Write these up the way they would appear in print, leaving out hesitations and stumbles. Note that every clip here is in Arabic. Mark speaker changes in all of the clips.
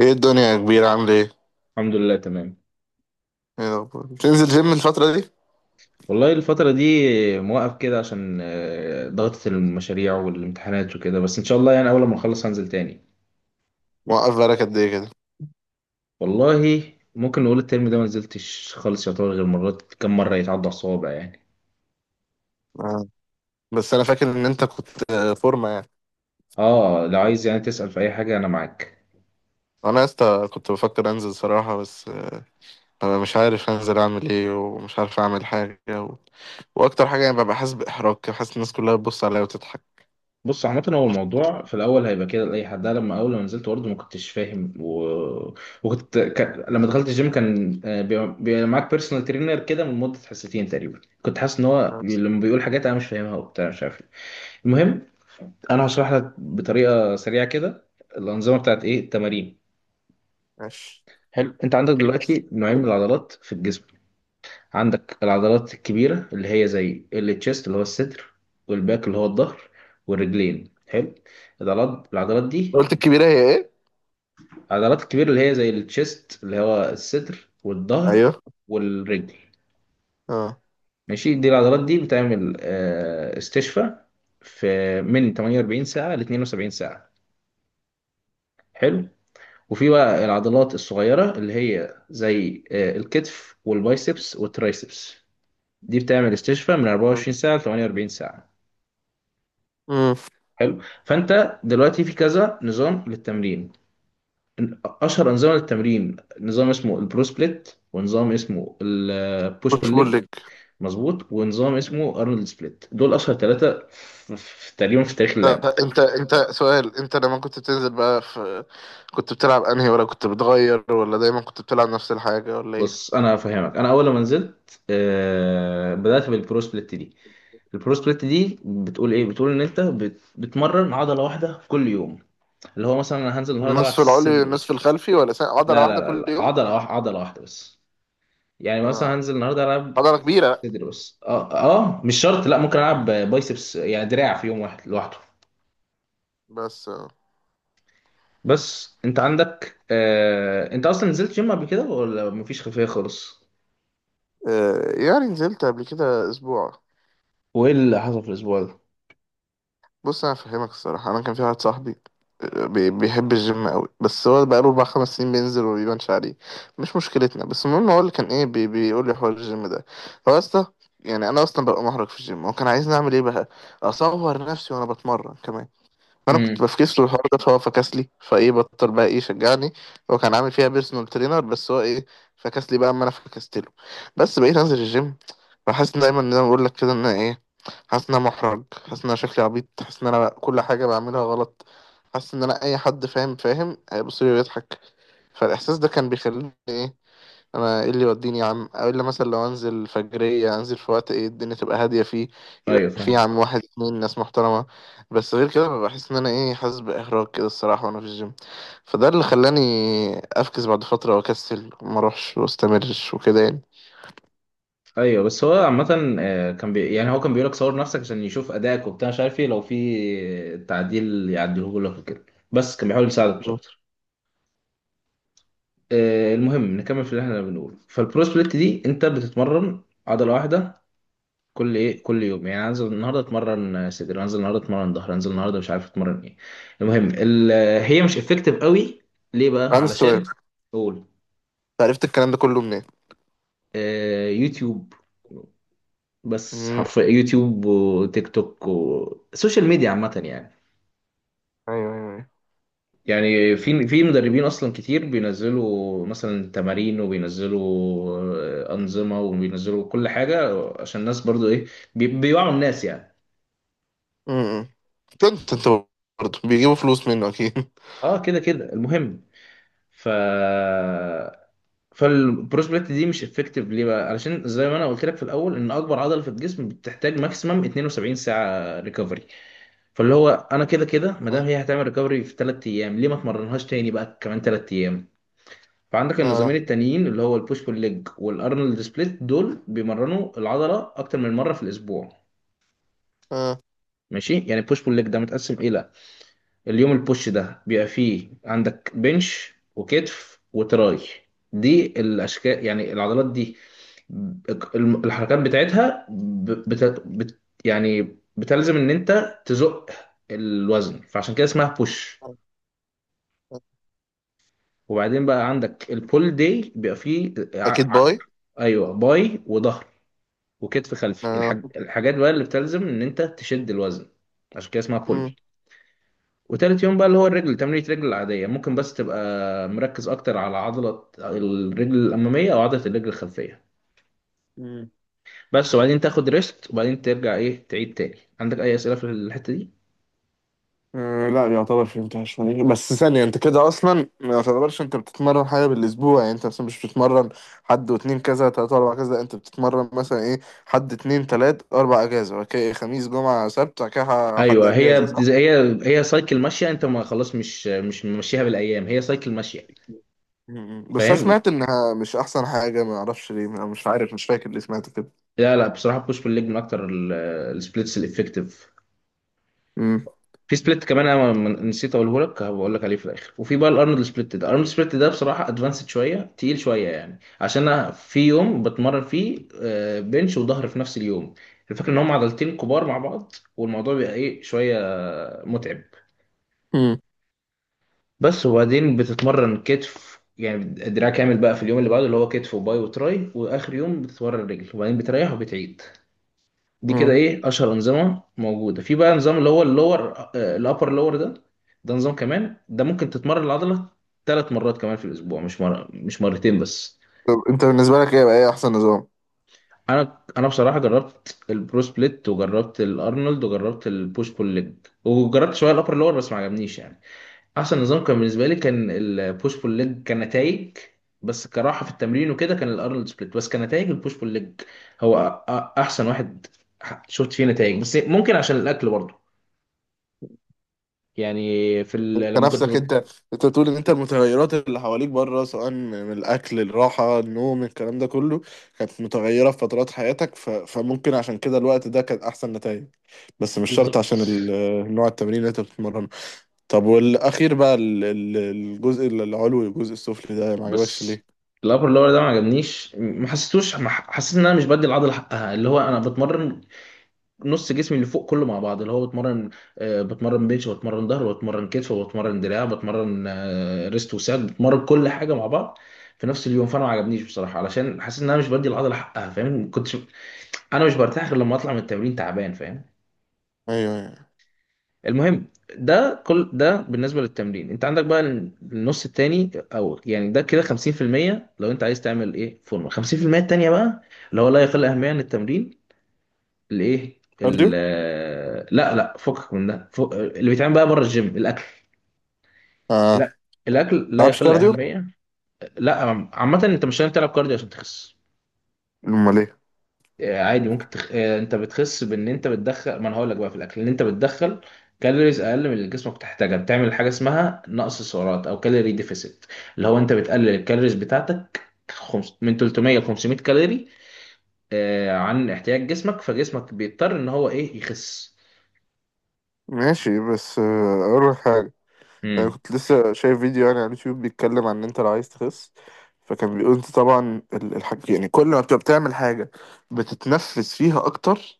Speaker 1: ايه الدنيا يا كبير؟ عامل ايه؟
Speaker 2: الحمد لله، تمام.
Speaker 1: ايه الأخبار؟ بتنزل جيم الفترة دي؟
Speaker 2: والله الفترة دي موقف كده عشان ضغطة المشاريع والامتحانات وكده، بس إن شاء الله يعني أول ما نخلص هنزل تاني.
Speaker 1: موقف بقالك قد ايه كده؟
Speaker 2: والله، ممكن نقول الترم ده ما نزلتش خالص، يعتبر غير مرات، كم مرة يتعدى على الصوابع يعني.
Speaker 1: آه. بس انا فاكر ان انت كنت فورمة يعني.
Speaker 2: اه، لو عايز يعني تسأل في أي حاجة أنا معاك.
Speaker 1: انا يا اسطى كنت بفكر انزل صراحة، بس. انا مش عارف انزل اعمل ايه، ومش عارف اعمل حاجة. واكتر حاجة يعني ببقى حاسس باحراج كده، حاسس الناس كلها بتبص عليا وتضحك.
Speaker 2: بص، عامة هو الموضوع في الأول هيبقى كده لأي حد. أنا لما أول ما نزلت برضه ما كنتش فاهم وكنت لما دخلت الجيم كان، بيبقى معاك بيرسونال ترينر، كده من مدة حصتين تقريبا، كنت حاسس إن هو
Speaker 1: بس،
Speaker 2: لما بيقول حاجات أنا مش فاهمها وبتاع مش عارف إيه. المهم، أنا هشرح لك بطريقة سريعة كده الأنظمة بتاعت إيه التمارين.
Speaker 1: ماشي.
Speaker 2: حلو. أنت عندك دلوقتي نوعين من العضلات في الجسم. عندك العضلات الكبيرة اللي هي زي التشيست اللي هو الصدر، والباك اللي هو الظهر، والرجلين. حلو. العضلات العضلات دي،
Speaker 1: قلت الكبيرة هي ايه؟
Speaker 2: العضلات الكبيرة اللي هي زي التشيست اللي هو الصدر والظهر
Speaker 1: ايوه.
Speaker 2: والرجل.
Speaker 1: اه.
Speaker 2: ماشي، دي العضلات دي بتعمل استشفاء في من 48 ساعة ل 72 ساعة. حلو. وفي بقى العضلات الصغيرة اللي هي زي الكتف والبايسبس والترايسبس، دي بتعمل استشفاء من 24 ساعة ل 48 ساعة.
Speaker 1: امم.
Speaker 2: حلو. فأنت دلوقتي في كذا نظام للتمرين. اشهر انظمه للتمرين، نظام اسمه البرو سبليت، ونظام اسمه البوش
Speaker 1: بوش بول
Speaker 2: بول.
Speaker 1: ليج.
Speaker 2: مظبوط. ونظام اسمه ارنولد سبليت، دول اشهر ثلاثه تقريبا في تاريخ اللعبه.
Speaker 1: انت سؤال، انت لما كنت بتنزل بقى في كنت بتلعب انهي، ولا كنت بتغير، ولا دايما كنت بتلعب نفس الحاجة، ولا ايه؟
Speaker 2: بص، انا هفهمك. انا اول ما نزلت بدات بالبرو سبليت دي. البرو سبليت دي بتقول ايه؟ بتقول ان انت بتمرن عضله واحده في كل يوم، اللي هو مثلا انا هنزل النهارده العب
Speaker 1: النصف العلوي
Speaker 2: صدر
Speaker 1: والنصف
Speaker 2: بس.
Speaker 1: الخلفي، ولا سنة عضلة
Speaker 2: لا لا
Speaker 1: واحدة
Speaker 2: لا،
Speaker 1: كل
Speaker 2: لا.
Speaker 1: يوم؟
Speaker 2: عضله واحده عضله واحده بس. يعني مثلا
Speaker 1: اه.
Speaker 2: هنزل النهارده العب
Speaker 1: عضلة كبيرة.
Speaker 2: صدر بس. اه اه، مش شرط، لا ممكن العب بايسبس يعني دراع في يوم واحد لوحده.
Speaker 1: بس.
Speaker 2: بس انت عندك انت اصلا نزلت جيم قبل كده ولا مفيش خلفيه خالص؟
Speaker 1: يعني نزلت قبل كده اسبوع.
Speaker 2: وايه اللي حصل في الاسبوع ده؟
Speaker 1: بص انا فاهمك الصراحه، انا كان في واحد صاحبي بيحب الجيم قوي، بس هو بقاله 4-5 سنين بينزل وما بيبانش عليه. مش مشكلتنا، بس المهم هو اللي كان ايه، بيقول لي حوار الجيم ده. هو اصلا، يعني انا اصلا ببقى محرج في الجيم، هو كان عايزني اعمل ايه بقى؟ اصور نفسي وانا بتمرن كمان؟ فانا كنت
Speaker 2: امم
Speaker 1: بفكس له الحوار ده، فهو فكس لي، فايه بطل بقى ايه شجعني. هو كان عامل فيها بيرسونال ترينر، بس هو ايه، فكس لي بقى اما انا فكست له، بس بقيت انزل الجيم. بحس إن دايما زي ما بقول لك كده ان انا ايه، حاسس ان انا محرج، حاسس ان انا شكلي عبيط، حاسس ان انا كل حاجه بعملها غلط، حاسس ان انا اي حد فاهم هيبص لي ويضحك. فالاحساس ده كان بيخليني ايه، انا ايه اللي يوديني يا عم، او الا مثلا لو انزل فجريه، انزل في وقت ايه الدنيا تبقى هاديه فيه، يبقى
Speaker 2: ايوه،
Speaker 1: فيه يا
Speaker 2: فاهمك.
Speaker 1: عم واحد اتنين ناس محترمه، بس غير كده ببقى بحس ان انا ايه، حاسس باحراج كده الصراحه وانا في الجيم. فده اللي خلاني افكس بعد فتره واكسل وما اروحش واستمرش وكده يعني.
Speaker 2: ايوه، بس هو عامه كان يعني هو كان بيقول لك صور نفسك عشان يشوف ادائك وبتاع مش عارف ايه، لو في تعديل يعدله لك وكده، بس كان بيحاول يساعدك مش
Speaker 1: مم.
Speaker 2: اكتر. المهم نكمل في اللي احنا بنقوله. فالبرو سبليت دي انت بتتمرن عضله واحده كل ايه كل يوم، يعني انزل النهارده اتمرن صدر، انزل النهارده اتمرن ظهر، انزل النهارده مش عارف اتمرن ايه. المهم هي مش افكتيف قوي. ليه بقى؟
Speaker 1: عندي سؤال، أنت
Speaker 2: علشان، قول.
Speaker 1: عرفت الكلام ده كله منين؟
Speaker 2: يوتيوب، بس
Speaker 1: مم،
Speaker 2: حرفيا يوتيوب وتيك توك وسوشيال ميديا عامة يعني.
Speaker 1: ايوه ايوه ايوه.
Speaker 2: يعني في مدربين اصلا كتير بينزلوا مثلا تمارين وبينزلوا انظمه وبينزلوا كل حاجه عشان الناس برضو ايه، بيوعوا الناس يعني.
Speaker 1: مم. كنت انت برضه بيجيبوا فلوس منه اكيد
Speaker 2: اه كده كده، المهم. ف فالبروس بليت دي مش افكتيف، ليه بقى؟ علشان زي ما انا قلت لك في الاول ان اكبر عضله في الجسم بتحتاج ماكسيمم 72 ساعه ريكفري، فاللي هو انا كده كده ما دام
Speaker 1: آه.
Speaker 2: هي هتعمل ريكفري في 3 ايام، ليه ما اتمرنهاش تاني بقى كمان 3 ايام. فعندك النظامين
Speaker 1: آه.
Speaker 2: التانيين اللي هو البوش بول ليج والارنولد سبليت، دول بيمرنوا العضله اكتر من مره في الاسبوع.
Speaker 1: آه.
Speaker 2: ماشي، يعني البوش بول ليج ده متقسم الى: اليوم البوش ده بيبقى فيه عندك بنش وكتف وتراي. دي الاشكال يعني العضلات دي، الحركات بتاعتها يعني بتلزم ان انت تزق الوزن، فعشان كده اسمها بوش.
Speaker 1: آه.
Speaker 2: وبعدين بقى عندك البول داي بيبقى فيه
Speaker 1: اكيد باي.
Speaker 2: ايوه، باي وظهر وكتف خلفي،
Speaker 1: اه.
Speaker 2: الحاجات بقى اللي بتلزم ان انت تشد الوزن، عشان كده اسمها بول. وتالت يوم بقى اللي هو الرجل، تمرينة رجل العادية ممكن بس تبقى مركز اكتر على عضلة الرجل الامامية او عضلة الرجل الخلفية.
Speaker 1: مم.
Speaker 2: بس، وبعدين تاخد ريست وبعدين ترجع ايه، تعيد تاني. عندك اي اسئلة في الحتة دي؟
Speaker 1: أه، لا يعتبر فهمتهاش يعني. بس ثانية، انت كده اصلا ما يعتبرش انت بتتمرن حاجة بالاسبوع؟ يعني انت مثلا مش بتتمرن حد واتنين كذا تلاتة اربعة كذا، لا، انت بتتمرن مثلا ايه، حد اتنين تلات اربع اجازة، بعد كده خميس جمعة سبت، بعد كده حد
Speaker 2: ايوه، هي
Speaker 1: اجازة، صح؟
Speaker 2: هي سايكل ماشيه، انت ما خلاص، مش ممشيها بالايام، هي سايكل ماشيه.
Speaker 1: م- م. بس انا
Speaker 2: فاهم.
Speaker 1: سمعت انها مش احسن حاجة، ما اعرفش ليه، أنا مش عارف، مش فاكر اللي سمعت كده.
Speaker 2: لا لا، بصراحه بوش بول ليج من اكتر السبليتس الافكتيف.
Speaker 1: م-
Speaker 2: في سبليت كمان انا نسيت اقوله لك، هبقول لك عليه في الاخر. وفي بقى الارنولد سبليت ده. الارنولد سبليت ده بصراحه ادفانسد شويه، تقيل شويه يعني، عشان انا في يوم بتمرن فيه بنش وظهر في نفس اليوم. الفكره ان هم عضلتين كبار مع بعض، والموضوع بيبقى ايه، شويه متعب.
Speaker 1: م-
Speaker 2: بس، وبعدين بتتمرن كتف يعني دراع كامل بقى في اليوم اللي بعده، اللي هو كتف وباي وتراي. واخر يوم بتتمرن رجل، وبعدين بتريح وبتعيد. دي كده
Speaker 1: م.
Speaker 2: ايه اشهر انظمه موجوده. في بقى نظام اللي هو الابر لور ده، ده نظام كمان، ده ممكن تتمرن العضله 3 مرات كمان في الاسبوع، مش مره مش مرتين بس.
Speaker 1: طب انت بالنسبة لك ايه بقى، ايه احسن نظام؟
Speaker 2: انا بصراحه جربت البرو سبليت وجربت الارنولد وجربت البوش بول ليج، وجربت شويه الابر لور بس ما عجبنيش يعني. احسن نظام كان بالنسبه لي كان البوش بول ليج كنتائج، بس كراحه في التمرين وكده كان الارنولد سبليت. بس كنتائج البوش بول ليج هو احسن واحد، شفت فيه نتائج، بس ممكن عشان الاكل برضه، يعني في
Speaker 1: انت نفسك انت، انت بتقول ان انت المتغيرات اللي حواليك بره، سواء من الاكل الراحه النوم الكلام ده كله، كانت متغيره في فترات حياتك، فممكن عشان كده الوقت ده كان احسن نتائج، بس مش شرط
Speaker 2: بالظبط.
Speaker 1: عشان نوع التمرين اللي انت بتتمرنه. طب والاخير بقى الجزء العلوي والجزء السفلي ده ما عجبكش
Speaker 2: بس
Speaker 1: ليه؟
Speaker 2: الابر لور ده ما عجبنيش، ما حسيتوش، ما ح- حسيت ان انا مش بدي العضله حقها، اللي هو انا بتمرن نص جسمي اللي فوق كله مع بعض، اللي هو بتمرن بنش وبتمرن ظهر وبتمرن كتف وبتمرن دراع، بتمرن ريست وساعد، بتمرن كل حاجه مع بعض في نفس اليوم. فانا ما عجبنيش بصراحه، علشان حاسس ان انا مش بدي العضله حقها، فاهم؟ كنتش انا مش برتاح غير لما اطلع من التمرين تعبان، فاهم؟
Speaker 1: ايوه ايوه.
Speaker 2: المهم، ده كل ده بالنسبه للتمرين. انت عندك بقى النص التاني، او يعني ده كده 50% لو انت عايز تعمل ايه فورمه. 50% التانيه بقى اللي هو لا يقل اهميه عن التمرين، الايه
Speaker 1: كارديو.
Speaker 2: لا لا فكك من ده، اللي بيتعمل بقى بره الجيم، الاكل.
Speaker 1: اه.
Speaker 2: لا، الاكل
Speaker 1: ما
Speaker 2: لا
Speaker 1: لعبش
Speaker 2: يقل
Speaker 1: كارديو.
Speaker 2: اهميه. لا، عامه انت مش لازم تلعب كارديو عشان تخس.
Speaker 1: امال ايه؟
Speaker 2: عادي ممكن تخ... آه، انت بتخس بان انت بتدخل، ما انا هقول لك بقى في الاكل، ان انت بتدخل كالوريز اقل من اللي جسمك بتحتاجها، بتعمل حاجه اسمها نقص سعرات او كالوري ديفيسيت، اللي هو انت بتقلل الكالوريز بتاعتك من 300 ل 500 كالوري عن احتياج جسمك، فجسمك بيضطر ان هو ايه، يخس.
Speaker 1: ماشي، بس اقول لك حاجه. انا
Speaker 2: امم.
Speaker 1: كنت لسه شايف فيديو يعني على اليوتيوب بيتكلم عن ان انت لو عايز تخس، فكان بيقول انت طبعا الحاج، يعني كل ما بتبقى بتعمل حاجه بتتنفس فيها اكتر،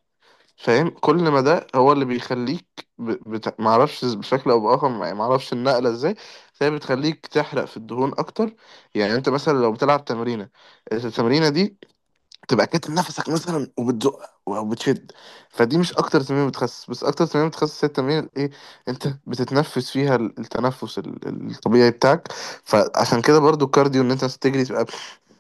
Speaker 1: فاهم؟ كل ما ده هو اللي بيخليك ب... معرفش بشكل او باخر، يعني معرفش النقله ازاي، بس هي بتخليك تحرق في الدهون اكتر. يعني انت مثلا لو بتلعب تمرينه، التمرينه دي تبقى كاتم نفسك مثلا وبتزق وبتشد، فدي مش اكتر تمرين بتخسس، بس اكتر تمرين بتخسس هي التمرين ايه، انت بتتنفس فيها التنفس الطبيعي بتاعك. فعشان كده برضو الكارديو، ان انت تجري تبقى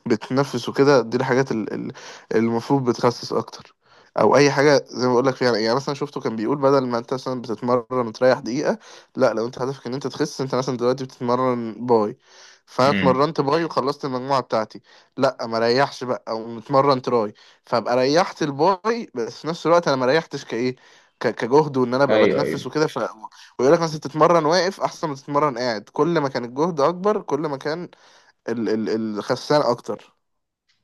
Speaker 1: بتتنفس وكده، دي الحاجات المفروض بتخسس اكتر. او اي حاجه زي ما بقول لك فيها، يعني مثلا شفته كان بيقول بدل ما انت مثلا بتتمرن تريح دقيقه، لا، لو انت هدفك ان انت تخس، انت مثلا دلوقتي بتتمرن باي، فانا
Speaker 2: امم.
Speaker 1: اتمرنت باي وخلصت المجموعه بتاعتي، لا، ما ريحش بقى، او متمرن تراي، فابقى ريحت الباي بس في نفس الوقت انا ما ريحتش كايه، كجهد، وان انا ابقى
Speaker 2: ايوه
Speaker 1: بتنفس
Speaker 2: ايوه،
Speaker 1: وكده. ويقول لك مثلا تتمرن واقف احسن ما تتمرن قاعد، كل ما كان الجهد اكبر كل ما كان ال ال الخسان اكتر.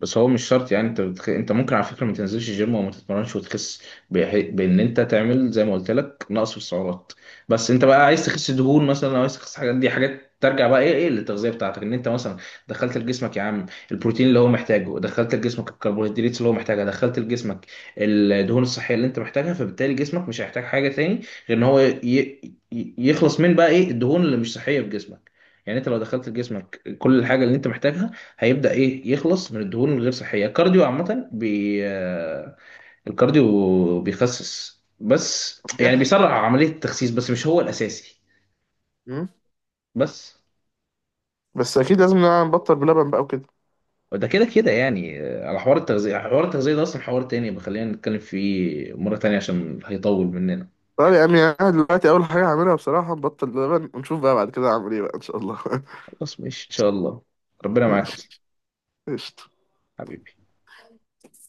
Speaker 2: بس هو مش شرط يعني انت ممكن على فكره ما تنزلش الجيم وما تتمرنش وتخس، بان انت تعمل زي ما قلت لك نقص في السعرات. بس انت بقى عايز تخس دهون مثلا او عايز تخس حاجات، دي حاجات ترجع بقى ايه للتغذيه بتاعتك، ان انت مثلا دخلت لجسمك يا عم البروتين اللي هو محتاجه، دخلت لجسمك الكربوهيدرات اللي هو محتاجها، دخلت لجسمك الدهون الصحيه اللي انت محتاجها، فبالتالي جسمك مش هيحتاج حاجه تاني، غير ان هو يخلص من بقى ايه، الدهون اللي مش صحيه في جسمك. يعني انت لو دخلت لجسمك كل الحاجه اللي انت محتاجها، هيبدأ ايه، يخلص من الدهون الغير صحية. الكارديو عامة بي آه، الكارديو بيخسس بس، يعني
Speaker 1: بيحرق.
Speaker 2: بيسرع عملية التخسيس بس، مش هو الأساسي.
Speaker 1: مم.
Speaker 2: بس،
Speaker 1: بس اكيد لازم نبطل بلبن بقى وكده.
Speaker 2: وده كده كده يعني على حوار التغذية. حوار التغذية ده أصلا حوار تاني، خلينا نتكلم فيه مرة تانية عشان هيطول مننا.
Speaker 1: طيب يا امي، انا دلوقتي اول حاجه هعملها بصراحه نبطل لبن، ونشوف بقى بعد كده هعمل ايه بقى ان شاء الله
Speaker 2: خلاص، ماشي إن شاء الله. ربنا معاك
Speaker 1: ماشي.
Speaker 2: أصلا،
Speaker 1: قشطة.
Speaker 2: حبيبي.